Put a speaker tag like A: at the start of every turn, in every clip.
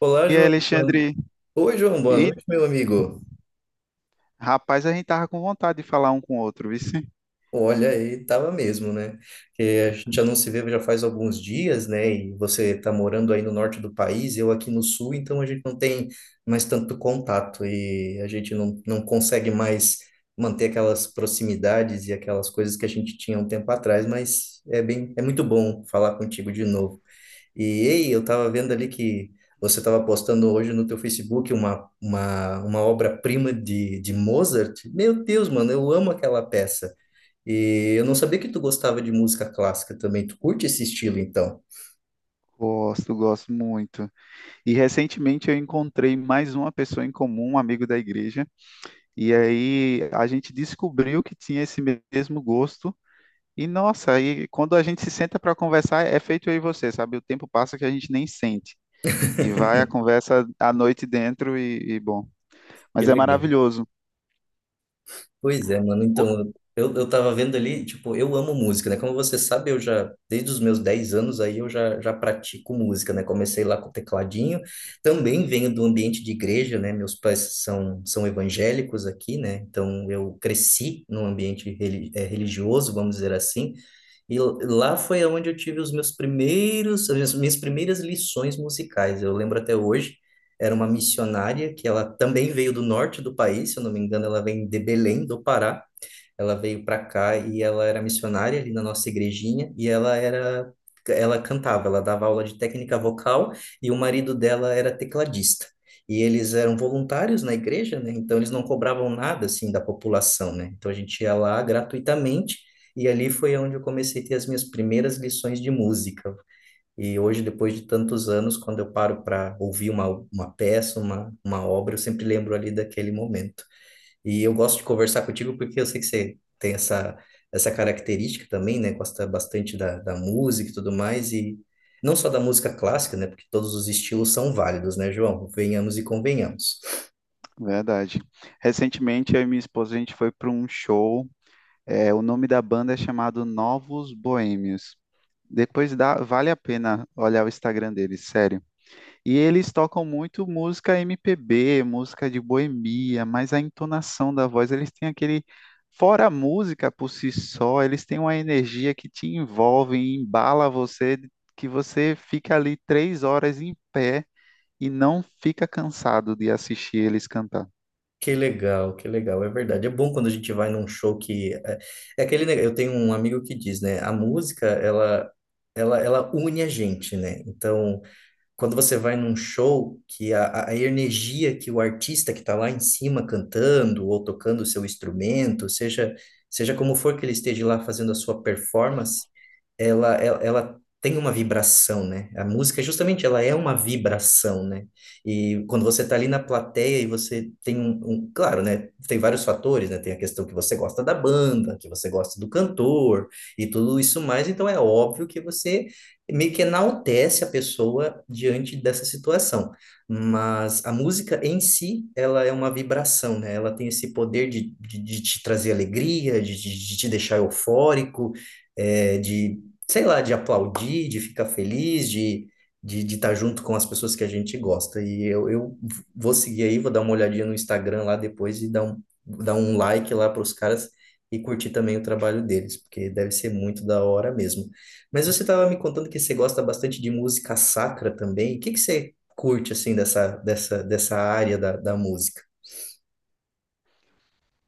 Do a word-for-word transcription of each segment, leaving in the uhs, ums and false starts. A: Olá,
B: E aí,
A: João. Boa-
B: Alexandre?
A: Oi, João. Boa
B: E
A: noite, meu amigo.
B: rapaz, a gente tava com vontade de falar um com o outro, viu?
A: Olha aí, tava mesmo, né? Que a gente já não se vê já faz alguns dias, né? E você tá morando aí no norte do país, eu aqui no sul, então a gente não tem mais tanto contato e a gente não, não consegue mais manter aquelas proximidades e aquelas coisas que a gente tinha um tempo atrás, mas é bem, é muito bom falar contigo de novo. E ei, eu estava vendo ali que você estava postando hoje no teu Facebook uma, uma, uma obra-prima de, de Mozart. Meu Deus, mano, eu amo aquela peça. E eu não sabia que tu gostava de música clássica também. Tu curte esse estilo, então?
B: Gosto, gosto muito. E recentemente eu encontrei mais uma pessoa em comum, um amigo da igreja, e aí a gente descobriu que tinha esse mesmo gosto. E nossa, aí quando a gente se senta para conversar, é feito eu e você, sabe? O tempo passa que a gente nem sente. E vai a conversa à noite dentro e, e bom.
A: Que
B: Mas é
A: legal.
B: maravilhoso.
A: Pois é, mano. Então, eu, eu tava vendo ali, tipo, eu amo música, né? Como você sabe, eu já, desde os meus dez anos aí, eu já, já pratico música, né? Comecei lá com o tecladinho. Também venho do ambiente de igreja, né? Meus pais são, são evangélicos aqui, né? Então, eu cresci num ambiente reli- eh, religioso, vamos dizer assim. E l- lá foi onde eu tive os meus primeiros, as minhas minhas primeiras lições musicais. Eu lembro até hoje era uma missionária que ela também veio do norte do país, se eu não me engano, ela vem de Belém, do Pará. Ela veio para cá e ela era missionária ali na nossa igrejinha e ela era ela cantava, ela dava aula de técnica vocal e o marido dela era tecladista. E eles eram voluntários na igreja, né? Então eles não cobravam nada assim da população, né? Então a gente ia lá gratuitamente e ali foi onde eu comecei a ter as minhas primeiras lições de música. E hoje, depois de tantos anos, quando eu paro para ouvir uma, uma peça, uma, uma obra, eu sempre lembro ali daquele momento. E eu gosto de conversar contigo porque eu sei que você tem essa, essa característica também, né? Gosta bastante da, da música e tudo mais, e não só da música clássica, né? Porque todos os estilos são válidos, né, João? Venhamos e convenhamos.
B: Verdade. Recentemente, eu e minha esposa, a gente foi para um show. É, o nome da banda é chamado Novos Boêmios. Depois dá, vale a pena olhar o Instagram deles, sério. E eles tocam muito música M P B, música de boemia, mas a entonação da voz, eles têm aquele. Fora a música por si só, eles têm uma energia que te envolve e embala você, que você fica ali três horas em pé e não fica cansado de assistir eles cantar.
A: Que legal, que legal, é verdade. É bom quando a gente vai num show que. É, é aquele. neg- Eu tenho um amigo que diz, né? A música, ela, ela, ela une a gente, né? Então, quando você vai num show, que a, a energia que o artista que está lá em cima cantando ou tocando o seu instrumento, seja, seja como for que ele esteja lá fazendo a sua performance, ela, ela, ela tem uma vibração, né? A música, justamente, ela é uma vibração, né? E quando você está ali na plateia e você tem um, um- claro, né? Tem vários fatores, né? Tem a questão que você gosta da banda, que você gosta do cantor e tudo isso mais, então é óbvio que você meio que enaltece a pessoa diante dessa situação. Mas a música em si, ela é uma vibração, né? Ela tem esse poder de, de, de te trazer alegria, de, de, de te deixar eufórico, é, de, sei lá, de aplaudir, de ficar feliz, de de de estar junto com as pessoas que a gente gosta. E eu, eu vou seguir aí, vou dar uma olhadinha no Instagram lá depois e dar um, dar um like lá para os caras e curtir também o trabalho deles, porque deve ser muito da hora mesmo. Mas você estava me contando que você gosta bastante de música sacra também. O que que você curte, assim, dessa, dessa, dessa área da, da música?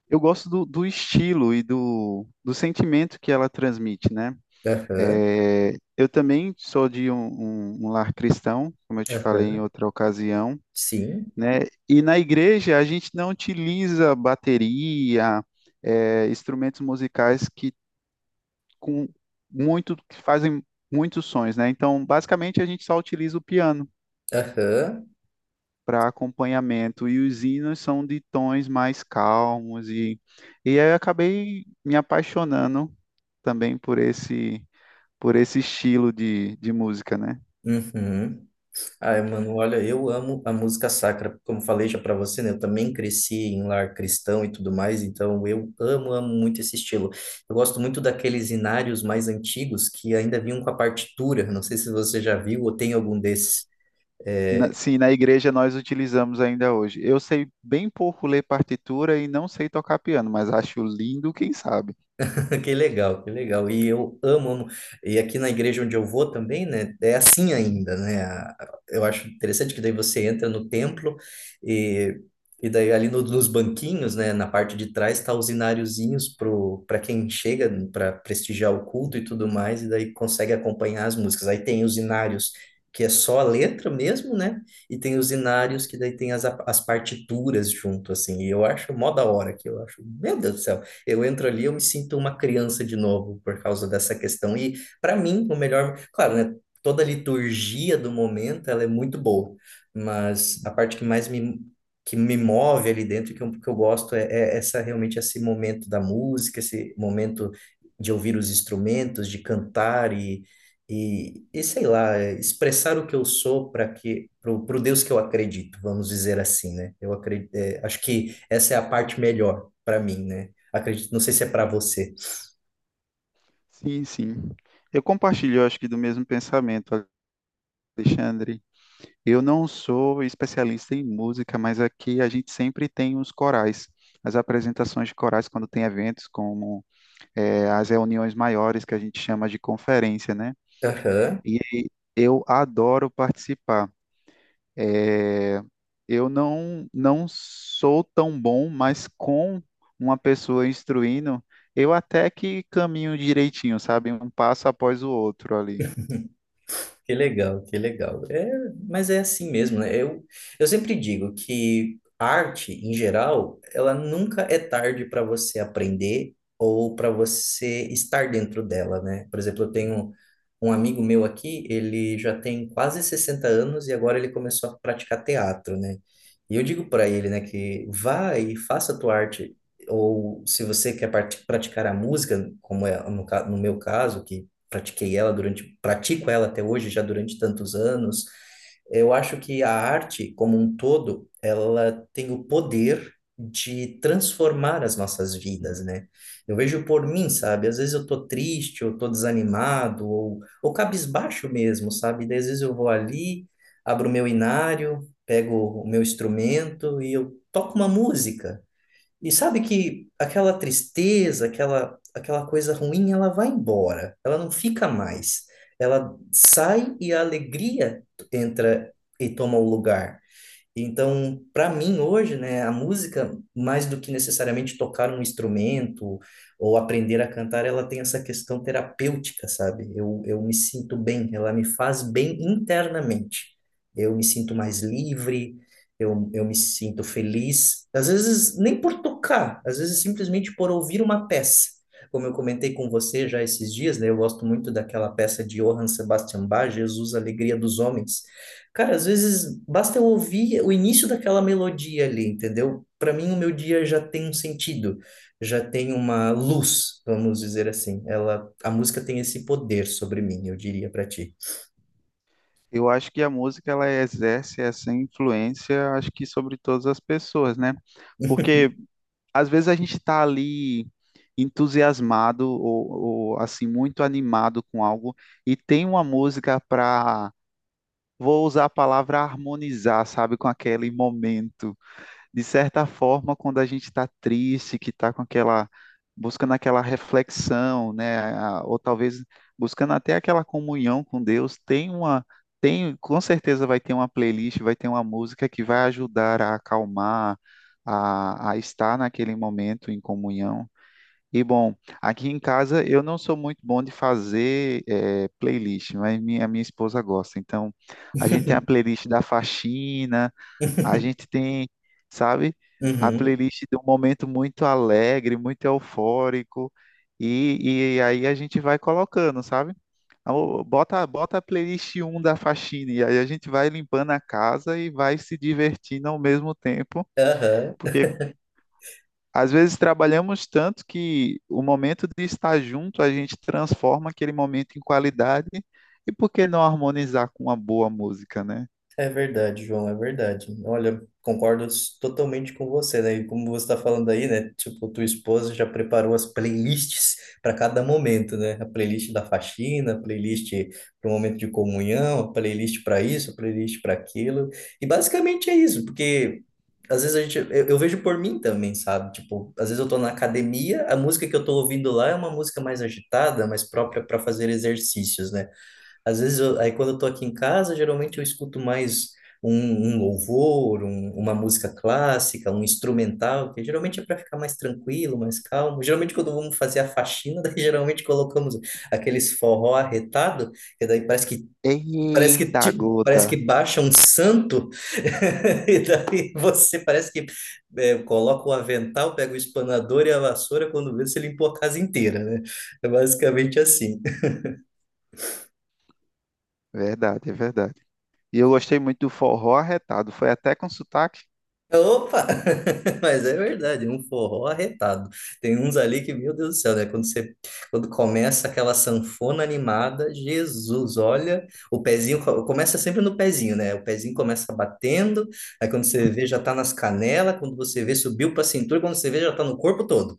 B: Eu gosto do, do estilo e do, do sentimento que ela transmite, né?
A: Aham,
B: É, eu também sou de um, um- um lar cristão, como eu te falei em
A: aham,
B: outra ocasião,
A: sim,
B: né? E na igreja a gente não utiliza bateria, é, instrumentos musicais que com muito que fazem muitos sons, né? Então, basicamente a gente só utiliza o piano
A: aham,
B: para acompanhamento e os hinos são de tons mais calmos e e aí eu acabei me apaixonando também por esse por esse estilo de, de música, né?
A: uhum. Ai, mano, olha, eu amo a música sacra. Como falei já para você, né? Eu também cresci em lar cristão e tudo mais, então eu amo, amo muito esse estilo. Eu gosto muito daqueles inários mais antigos que ainda vinham com a partitura. Não sei se você já viu ou tem algum desses.
B: Na- sim, na igreja nós utilizamos ainda hoje. Eu sei bem pouco ler partitura e não sei tocar piano, mas acho lindo, quem sabe?
A: Que legal, que legal. E eu amo, amo. E aqui na igreja onde eu vou também, né? É assim ainda, né? A- Eu acho interessante que daí você entra no templo e, e daí ali no- nos banquinhos, né? Na parte de trás tá os inariozinhos pro para quem chega para prestigiar o culto e tudo mais e daí consegue acompanhar as músicas. Aí tem os inários que é só a letra mesmo, né? E tem os inários que daí tem as, as partituras junto assim. E eu acho mó da hora que eu acho. Meu Deus do céu. Eu entro ali, eu me sinto uma criança de novo por causa dessa questão. E para mim, o melhor, claro, né? Toda a liturgia do momento, ela é muito boa, mas a parte que mais me que me move ali dentro, que eu, que eu gosto é, é essa realmente esse momento da música, esse momento de ouvir os instrumentos, de cantar e, e, e sei lá, expressar o que eu sou para que para o Deus que eu acredito, vamos dizer assim, né? Eu acredito, é, acho que essa é a parte melhor para mim, né? Acredito, não sei se é para você.
B: Sim, sim. Eu compartilho, eu acho que, do mesmo pensamento, Alexandre. Eu não sou especialista em música, mas aqui a gente sempre tem os corais, as apresentações de corais quando tem eventos, como eh, as reuniões maiores que a gente chama de conferência, né?
A: Aham,
B: E eu adoro participar. É, eu não, não sou tão bom, mas com uma pessoa instruindo, eu até que caminho direitinho, sabe? Um passo após o outro ali.
A: que legal, que legal. É, mas é assim mesmo, né? Eu, eu sempre digo que arte, em geral, ela nunca é tarde para você aprender ou para você estar dentro dela, né? Por exemplo, eu tenho um amigo meu aqui, ele já tem quase sessenta anos e agora ele começou a praticar teatro, né? E eu digo para ele, né, que vá e faça a tua arte. Ou se você quer parti- praticar a música, como é no, ca- no meu caso, que pratiquei ela durante, pratico ela até hoje, já durante tantos anos. Eu acho que a arte, como um todo, ela tem o poder de transformar as nossas vidas, né? Eu vejo por mim, sabe? Às vezes eu tô triste, ou tô desanimado, ou, ou cabisbaixo mesmo, sabe? Daí às vezes eu vou ali, abro o meu inário, pego o meu instrumento e eu toco uma música. E sabe que aquela tristeza, aquela, aquela coisa ruim, ela vai embora, ela não fica mais. Ela sai e a alegria entra e toma o lugar. Então, para mim hoje, né, a música, mais do que necessariamente tocar um instrumento ou aprender a cantar, ela tem essa questão terapêutica, sabe? Eu, eu me sinto bem, ela me faz bem internamente. Eu me sinto mais livre, eu, eu me sinto feliz. Às vezes, nem por tocar, às vezes simplesmente por ouvir uma peça. Como eu comentei com você já esses dias, né, eu gosto muito daquela peça de Johann Sebastian Bach, Jesus, Alegria dos Homens. Cara, às vezes basta eu ouvir o início daquela melodia ali, entendeu? Para mim, o meu dia já tem um sentido, já tem uma luz, vamos dizer assim. Ela, a música tem esse poder sobre mim, eu diria para ti.
B: Eu acho que a música ela exerce essa influência, acho que sobre todas as pessoas, né? Porque às vezes a gente está ali entusiasmado ou, ou assim muito animado com algo e tem uma música para, vou usar a palavra harmonizar, sabe, com aquele momento. De certa forma, quando a gente está triste, que está com aquela, buscando aquela reflexão, né, a- ou talvez buscando até aquela comunhão com Deus, tem uma, tem, com certeza vai ter uma playlist, vai ter uma música que vai ajudar a acalmar, a, a estar naquele momento em comunhão. E bom, aqui em casa eu não sou muito bom de fazer eh, playlist, mas minha, minha esposa gosta. Então, a gente tem a playlist da faxina, a gente tem, sabe, a
A: Uhum,
B: playlist de um momento muito alegre, muito eufórico, e, e aí a gente vai colocando, sabe? Ah, ô, Bota, bota a playlist um da faxina, e aí a gente vai limpando a casa e vai se divertindo ao mesmo tempo,
A: aham.
B: porque às vezes trabalhamos tanto que o momento de estar junto a gente transforma aquele momento em qualidade, e por que não harmonizar com uma boa música, né?
A: É verdade, João, é verdade. Olha, concordo s- totalmente com você, né? E como você está falando aí, né? Tipo, tua esposa já preparou as playlists para cada momento, né? A playlist da faxina, a playlist para o momento de comunhão, a playlist para isso, a playlist para aquilo. E basicamente é isso, porque às vezes a gente, eu, eu vejo por mim também, sabe? Tipo, às vezes eu tô na academia, a música que eu tô ouvindo lá é uma música mais agitada, mais própria para fazer exercícios, né? Às vezes, eu- aí quando eu tô aqui em casa, geralmente eu escuto mais um, um louvor, um- uma música clássica, um instrumental, que geralmente é para ficar mais tranquilo, mais calmo. Geralmente, quando vamos fazer a faxina, daí geralmente colocamos aqueles forró arretado, que daí parece que parece que
B: Eita
A: tipo,
B: gota!
A: parece que baixa um santo, e daí você parece que é, coloca o avental, pega o espanador e a vassoura, quando vê, você limpou a casa inteira, né? É basicamente assim.
B: Verdade, é verdade. E eu gostei muito do forró arretado. Foi até com sotaque.
A: Opa! Mas é verdade, um forró arretado. Tem uns ali que, meu Deus do céu, né? Quando você, quando começa aquela sanfona animada, Jesus, olha, o pezinho co- começa sempre no pezinho, né? O pezinho começa batendo, aí quando você vê já tá nas canelas, quando você vê subiu pra cintura, quando você vê já tá no corpo todo.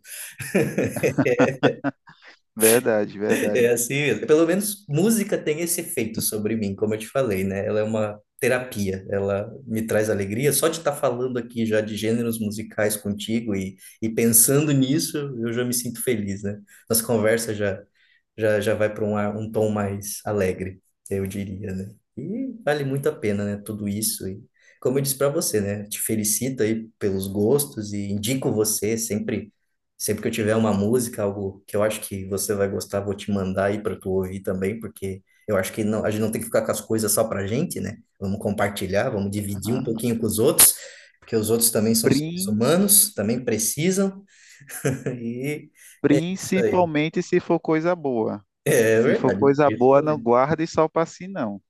B: Verdade,
A: É
B: verdade.
A: assim mesmo. Pelo menos música tem esse efeito sobre mim, como eu te falei, né? Ela é uma terapia, ela me traz alegria. Só de estar falando aqui já de gêneros musicais contigo e, e pensando nisso, eu já me sinto feliz, né? Nossa conversa já, já, já vai para um, ar- um tom mais alegre, eu diria, né? E vale muito a pena, né? Tudo isso. E como eu disse para você, né? Te felicito aí pelos gostos e indico você sempre. Sempre que eu tiver uma música, algo que eu acho que você vai gostar, vou te mandar aí para tu ouvir também, porque eu acho que não, a gente não tem que ficar com as coisas só pra gente, né? Vamos compartilhar, vamos dividir um
B: Ah,
A: pouquinho com os outros, porque os outros também são seres
B: prin-
A: humanos, também precisam. E é isso aí.
B: Principalmente se for coisa boa.
A: É
B: Se for
A: verdade,
B: coisa
A: isso.
B: boa, não guarde só pra si, não.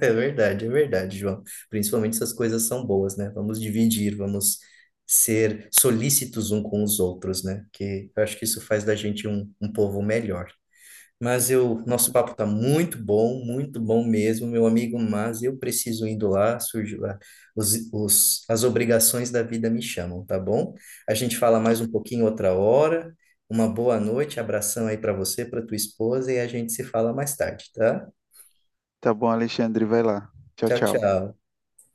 A: é é verdade, é verdade, João. Principalmente essas coisas são boas, né? Vamos dividir, vamos ser solícitos um com os outros, né? Que eu acho que isso faz da gente um, um povo melhor. Mas eu, nosso papo tá muito bom, muito bom mesmo, meu amigo, mas eu preciso indo lá, surge lá, os, os, as obrigações da vida me chamam, tá bom? A gente fala mais um pouquinho outra hora. Uma boa noite, abração aí para você, para tua esposa e a gente se fala mais tarde, tá?
B: Tá bom, Alexandre, vai lá. Tchau,
A: Tchau,
B: tchau.
A: tchau.